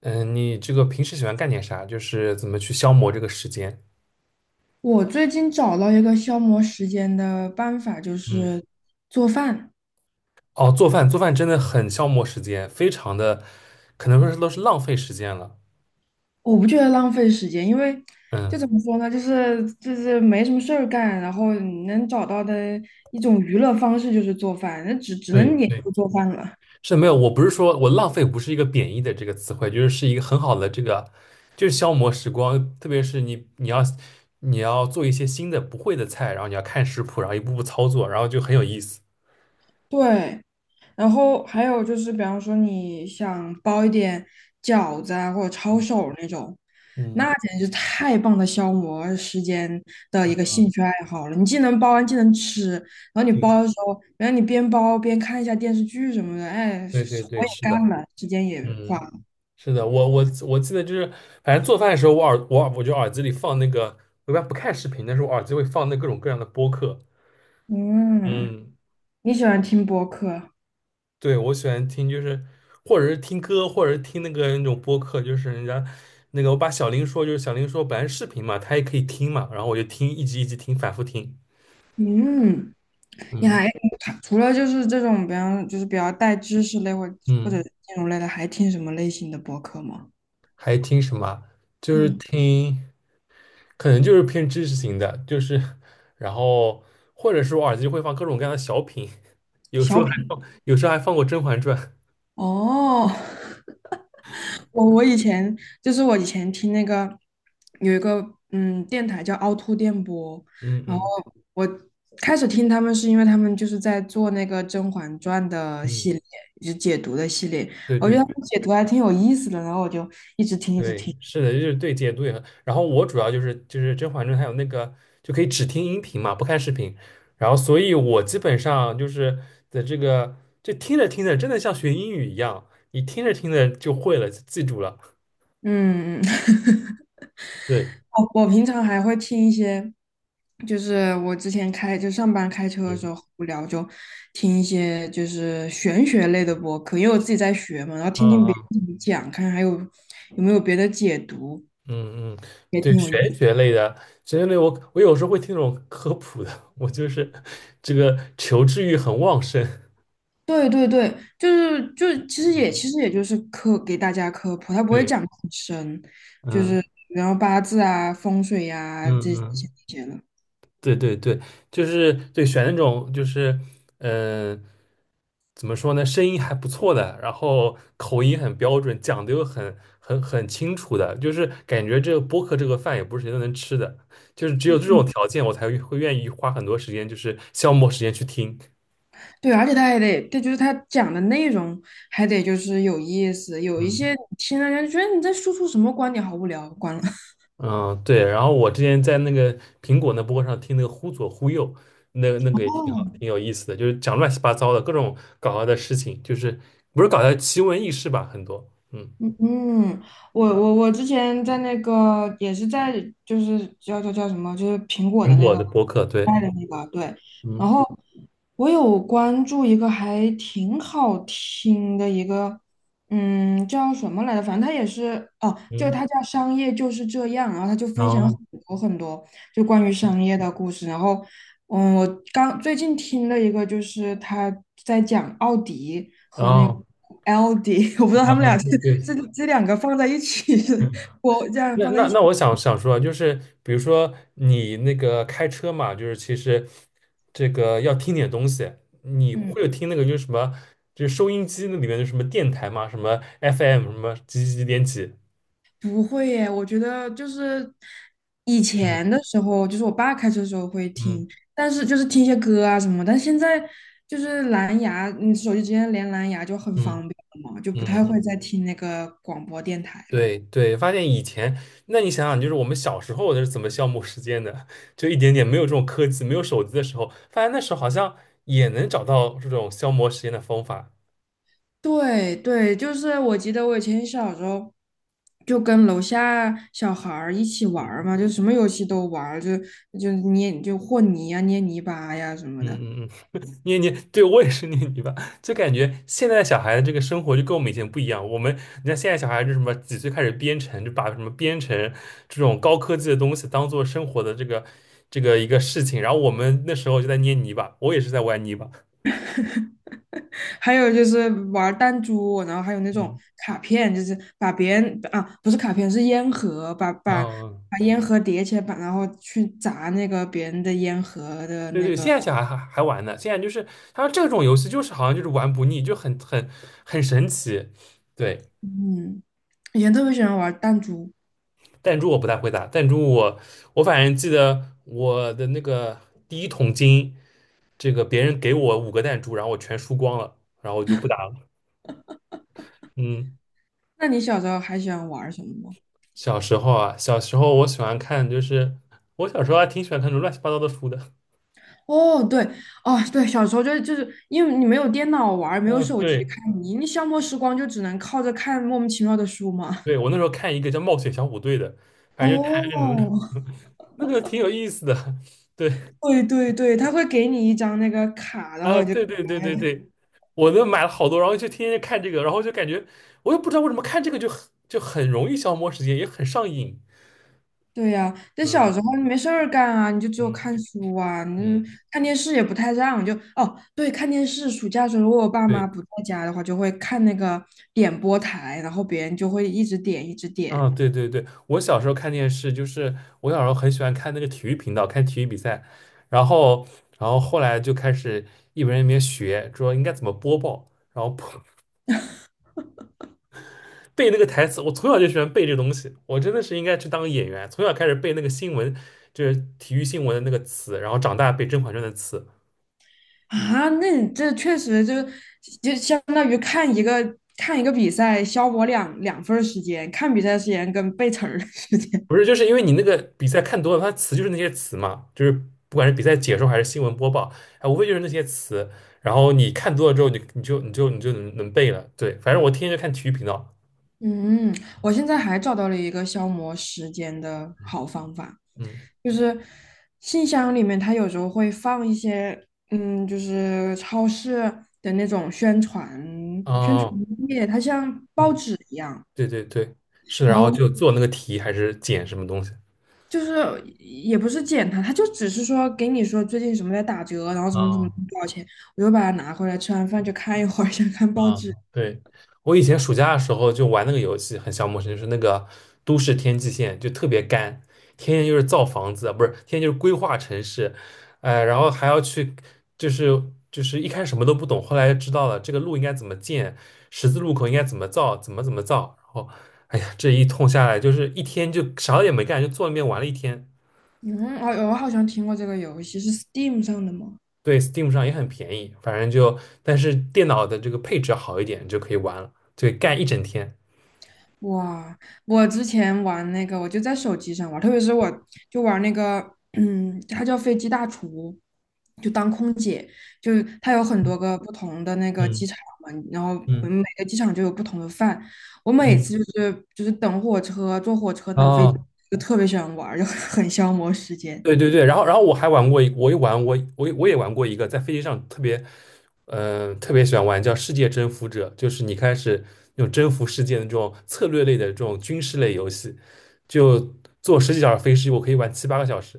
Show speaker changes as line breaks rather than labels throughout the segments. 嗯，你这个平时喜欢干点啥？就是怎么去消磨这个时间？
我最近找到一个消磨时间的办法，就
嗯，
是做饭。
哦，做饭，做饭真的很消磨时间，非常的，可能说是都是浪费时间了。
我不觉得浪费时间，因为就
嗯，
怎么说呢，就是没什么事儿干，然后你能找到的一种娱乐方式就是做饭，那只
对
能研
对，
究做饭了。
是没有，我不是说我浪费，不是一个贬义的这个词汇，就是一个很好的这个，就是消磨时光。特别是你要做一些新的不会的菜，然后你要看食谱，然后一步步操作，然后就很有意思。
对。然后还有就是，比方说你想包一点饺子啊，或者抄手那种，
嗯，
那简直就太棒的消磨时间的一个兴趣爱好了。你既能包完，既能吃，然后你包
对
的时候，然后你边包边看一下电视剧什么的，哎，
对对对，
活也
是的，
干了，时间也花
嗯。
了。
是的，我记得就是，反正做饭的时候，我就耳机里放那个，我一般不看视频，但是我耳机会放那各种各样的播客。
嗯，
嗯，
你喜欢听播客？
对，我喜欢听就是，或者是听歌，或者是听那个那种播客，就是人家那个我把小林说，就是小林说本来是视频嘛，他也可以听嘛，然后我就听，一集一集听，反复听。
嗯，你
嗯
还它除了就是这种，比方就是比较带知识类或或
嗯。
者金融类的，还听什么类型的播客吗？
还听什么啊就是
嗯，
听，可能就是偏知识型的，就是，然后或者是我耳机会放各种各样的小品，有时
小
候还
品。
放，有时候还放过《甄嬛传》。
哦，我以前我以前听那个有一个电台叫凹凸电波，
嗯
然后
嗯
我开始听他们是因为他们就是在做那个《甄嬛传》的
嗯，
系列，就是解读的系列，
对
我觉
对
得他们解读还挺有意思的，然后我就一直听一直
对，
听。
是的，就是对解读也很。然后我主要就是《甄嬛传》，还有那个就可以只听音频嘛，不看视频。然后，所以我基本上就是的这个，就听着听着，真的像学英语一样，你听着听着就会了，就记住了。
嗯，嗯
对，
我平常还会听一些，就是我之前上班开车的时
嗯，
候无聊就听一些就是玄学类的播客，因为我自己在学嘛，然后
啊
听听别
啊。
人怎么讲，看还有有没有别的解读，
嗯嗯，
也
对，
挺有意
玄
思。
学类的，玄学类我有时候会听那种科普的，我就是这个求知欲很旺盛。
对对对，就是就其实也
嗯，
其实也就是科给大家科普，他不会
对，
讲得很深，就
嗯
是然后八字啊、风水呀、
嗯
这这些
嗯，
这些了。
对对对，就是对选那种就是嗯、呃怎么说呢，声音还不错的，然后口音很标准，讲的又很清楚的，就是感觉这个播客这个饭也不是谁都能吃的，就是只有这种条件我才会愿意花很多时间，就是消磨时间去听。
对，而且他还得，他就是他讲的内容还得就是有意思，有一些
嗯
你听了人家觉得你在输出什么观点，好无聊，关了。
嗯，对。然后我之前在那个苹果那播客上听那个《忽左忽右》，那个也挺好，挺有意思的，就是讲乱七八糟的各种搞笑的事情，就是不是搞笑奇闻异事吧，很多。嗯，
嗯，我之前在那个也是在就是叫什么，就是苹果
苹
的那
果
个
的播客，对，
卖的那个对，然
嗯
后我有关注一个还挺好听的一个，嗯，叫什么来着？反正它也是哦，就
嗯，
它叫《商业就是这样》，然后它就
然
分享很
后
多很多就关于商业的故事，然后嗯，我刚最近听了一个，就是他在讲奥迪
然
和那个
后
LD,我不知道他
然
们
后
俩是这
对。
这两个放在一起是，我这样
那
放在
那
一起，
那我想想说啊，就是比如说你那个开车嘛，就是其实这个要听点东西，你会
嗯，
有听那个就是什么，就是收音机那里面的什么电台嘛，什么 FM 什么几几几点几，
不会耶，我觉得就是以前的
嗯
时候，就是我爸开车的时候会
嗯
听，但是就是听一些歌啊什么，但现在就是蓝牙，你手机直接连蓝牙就很方
嗯
便了嘛，就不
嗯，
太
嗯
会再听那个广播电台了。
对对，发现以前，那你想想，就是我们小时候是怎么消磨时间的，就一点点没有这种科技，没有手机的时候，发现那时候好像也能找到这种消磨时间的方法。
对对，就是我记得我以前小时候就跟楼下小孩儿一起玩儿嘛，就什么游戏都玩儿，就就捏就和泥啊、捏泥巴呀什么的，
嗯嗯嗯，捏捏，对我也是捏泥巴，就感觉现在小孩的这个生活就跟我们以前不一样。我们，你看现在小孩就什么几岁开始编程，就把什么编程这种高科技的东西当做生活的这个这个一个事情，然后我们那时候就在捏泥巴，我也是在玩泥巴。
还有就是玩儿弹珠，然后还有那种
嗯，
卡片，就是把别人啊不是卡片是烟盒，把把
哦，
把烟盒叠起来，把然后去砸那个别人的烟盒的
对
那
对，
个，
现在小孩还玩呢，现在就是他说这种游戏就是好像就是玩不腻，就很神奇。对，
嗯，以前特别喜欢玩儿弹珠。
弹珠我不太会打，弹珠我反正记得我的那个第一桶金，这个别人给我五个弹珠，然后我全输光了，然后我就不打了。嗯，
那你小时候还喜欢玩儿什么吗？
小时候啊，小时候我喜欢看，就是我小时候还挺喜欢看那种乱七八糟的书的。
哦，对，哦，对，小时候就是因为你没有电脑玩儿没有
嗯，
手机
对，
看，你消磨时光就只能靠着看莫名其妙的书嘛。
对，我那时候看一个叫《冒险小虎队》的，反正就看那种
哦，
那个挺有意思的。对。
对对对，他会给你一张那个卡，然
啊，
后你就可
对对对
爱
对
了。
对，我都买了好多，然后就天天看这个，然后就感觉我也不知道为什么看这个就很就很容易消磨时间，也很上瘾。
对呀、但小
嗯
时候你没事儿干啊，你就只有
嗯
看书啊，你
嗯，
看电视也不太让，就哦，对，看电视。暑假的时候，如果我爸妈
对，
不在家的话，就会看那个点播台，然后别人就会一直点一直点。
啊对对对，我小时候看电视，就是我小时候很喜欢看那个体育频道，看体育比赛，然后然后后来就开始一边一边学，主要应该怎么播报，然后背那个台词，我从小就喜欢背这东西。我真的是应该去当个演员，从小开始背那个新闻，就是体育新闻的那个词，然后长大背《甄嬛传》的词。
啊，那你这确实就就相当于看一个看一个比赛，消磨两份儿时间，看比赛时间跟背词儿的时间。
不是，就是因为你那个比赛看多了，它词就是那些词嘛，就是不管是比赛解说还是新闻播报，哎，无非就是那些词。然后你看多了之后，你就能背了。对，反正我天天就看体育频道。
嗯，我现在还找到了一个消磨时间的好方法，
嗯，
就是信箱里面它有时候会放一些，嗯，就是超市的那种宣传
哦，
页，它像报
嗯，
纸一样。
对对对，是，
然
然后
后。
就做那个题还是剪什么东西。
就是也不是捡查，他就只是说给你说最近什么在打折，然后什么什么
啊、
多少钱，我就把它拿回来，吃完饭就看一会儿，想看报
啊，
纸。
对，我以前暑假的时候就玩那个游戏，很消磨时间，就是那个都市天际线，就特别干，天天就是造房子，不是，天天就是规划城市，然后还要去，就是就是一开始什么都不懂，后来知道了这个路应该怎么建，十字路口应该怎么造，怎么造，然后，哎呀，这一通下来就是一天就啥也没干，就坐那边玩了一天。
嗯，哦，我好像听过这个游戏，是 Steam 上的吗？
对，Steam 上也很便宜，反正就，但是电脑的这个配置好一点就可以玩了，对，干一整天。
哇，我之前玩那个，我就在手机上玩，特别是我就玩那个，嗯，它叫飞机大厨，就当空姐，就是它有很多个不同的那个机
嗯
场嘛，然后
嗯。
每个机场就有不同的饭。我每
嗯，
次就是等火车、坐火车、等飞
啊，
机，就特别喜欢玩儿就很消磨时间。
对对对，然后我还玩过一，我也玩我我也我也玩过一个，在飞机上特别，特别喜欢玩叫《世界征服者》，就是你开始那种征服世界的这种策略类的这种军事类游戏，就坐十几小时飞机，我可以玩七八个小时，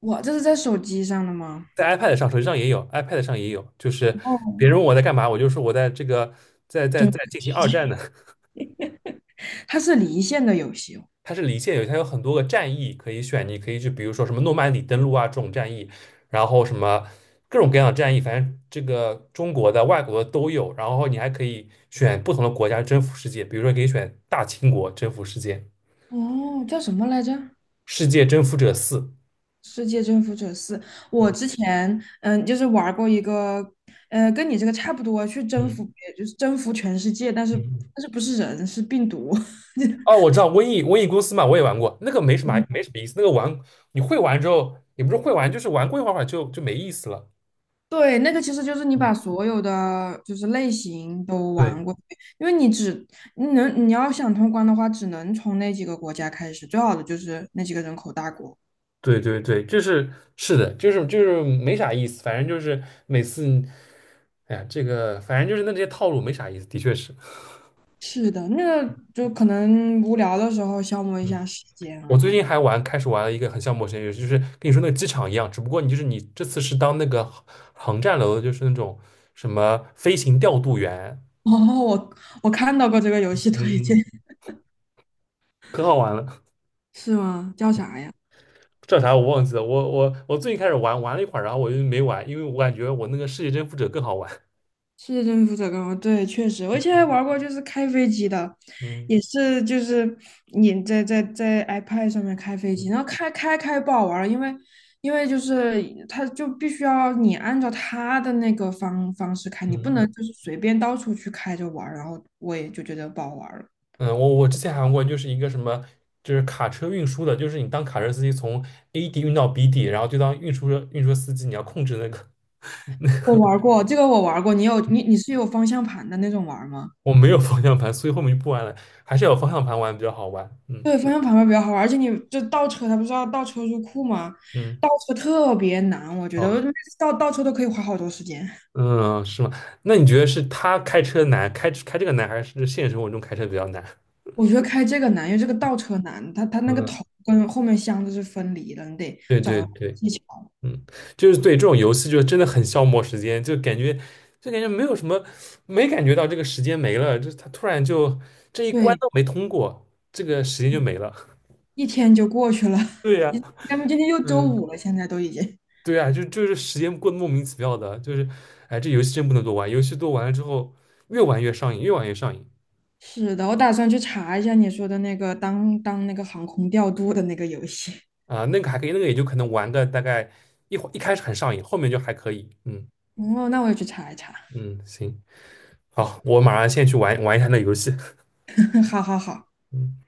哇，这是在手机上的吗？
在 iPad 上、手机上也有，iPad 上也有，就是
哦，
别人问我在干嘛，我就说我在这个在在
对，
在进行二 战呢，
它是离线的游戏哦。
它是离线游戏，它有很多个战役可以选，你可以去，比如说什么诺曼底登陆啊这种战役，然后什么各种各样的战役，反正这个中国的、外国的都有。然后你还可以选不同的国家征服世界，比如说可以选大清国征服世界，
哦，叫什么来着？
世界征服者四。
世界征服者四，我
嗯
之前嗯，就是玩过一个，呃，跟你这个差不多，去征
嗯
服别，就是征服全世界，但是
嗯，
但是不是人，是病毒。
哦，我知道瘟疫公司嘛，我也玩过，那个没什么意思，那个玩你会玩之后，也不是会玩，就是玩过一会儿就没意思了。
对，那个其实就是你
嗯，
把所有的就是类型都玩
对，
过，因为你能你要想通关的话，只能从那几个国家开始，最好的就是那几个人口大国。
对对对，就是是的，就是没啥意思，反正就是每次，哎呀，这个反正就是那这些套路没啥意思，的确是。
是的，那个就可能无聊的时候消磨一
嗯，
下时间
我
而
最近
已。
还玩，开始玩了一个很像陌生游戏，就是跟你说那个机场一样，只不过你就是你这次是当那个航站楼的就是那种什么飞行调度员，
哦，我我看到过这个游戏
嗯
推荐，
嗯，可好玩了，
是吗？叫啥呀？
叫啥我忘记了。我最近开始玩，玩了一会儿，然后我就没玩，因为我感觉我那个世界征服者更好玩。
是征服者刚刚对，确实，我以前还玩过，就是开飞机的，
嗯
也是就是你在 iPad 上面开飞机，然后
嗯
开不好玩儿，因为因为就是它就必须要你按照它的那个方式开，
嗯
你不能
嗯。
就是随便到处去开着玩儿然后我也就觉得不好玩儿了。
嗯，我之前还玩过，就是一个什么，就是卡车运输的，就是你当卡车司机从 A 地运到 B 地，然后就当运输车运输司机，你要控制那个。
我玩儿过这个，我玩儿过，你有你是有方向盘的那种玩儿吗？
我没有方向盘，所以后面就不玩了，还是有方向盘玩比较好玩。嗯
对，方向盘会比较好玩，而且你就倒车，它不是要倒车入库吗？
嗯，
倒车特别难，我觉得我
哦，
每次倒车都可以花好多时间。
嗯，是吗？那你觉得是他开车难，开这个难，还是现实生活中开车比较难？
我觉得开这个难，因为这个倒车难，它它那个
嗯，
头跟后面箱子是分离的，你得
对
找
对
到
对。
技巧。
嗯，就是对这种游戏就真的很消磨时间，就感觉没有什么，没感觉到这个时间没了，就是他突然就这一关
对，
都没通过，这个时间就没了。
一天就过去了，
对
一
呀，
咱们今天又周五
嗯，
了，现在都已经。
对呀，就是时间过得莫名其妙的，就是哎，这游戏真不能多玩，游戏多玩了之后越玩越上瘾，越玩越上瘾
是的，我打算去查一下你说的那个当那个航空调度的那个游戏。
啊、那个还可以，那个也就可能玩的大概一会一开始很上瘾，后面就还可以。嗯
哦，那我也去查一查。
嗯，行，好，我马上先去玩玩一下那游戏。
好好好。
嗯。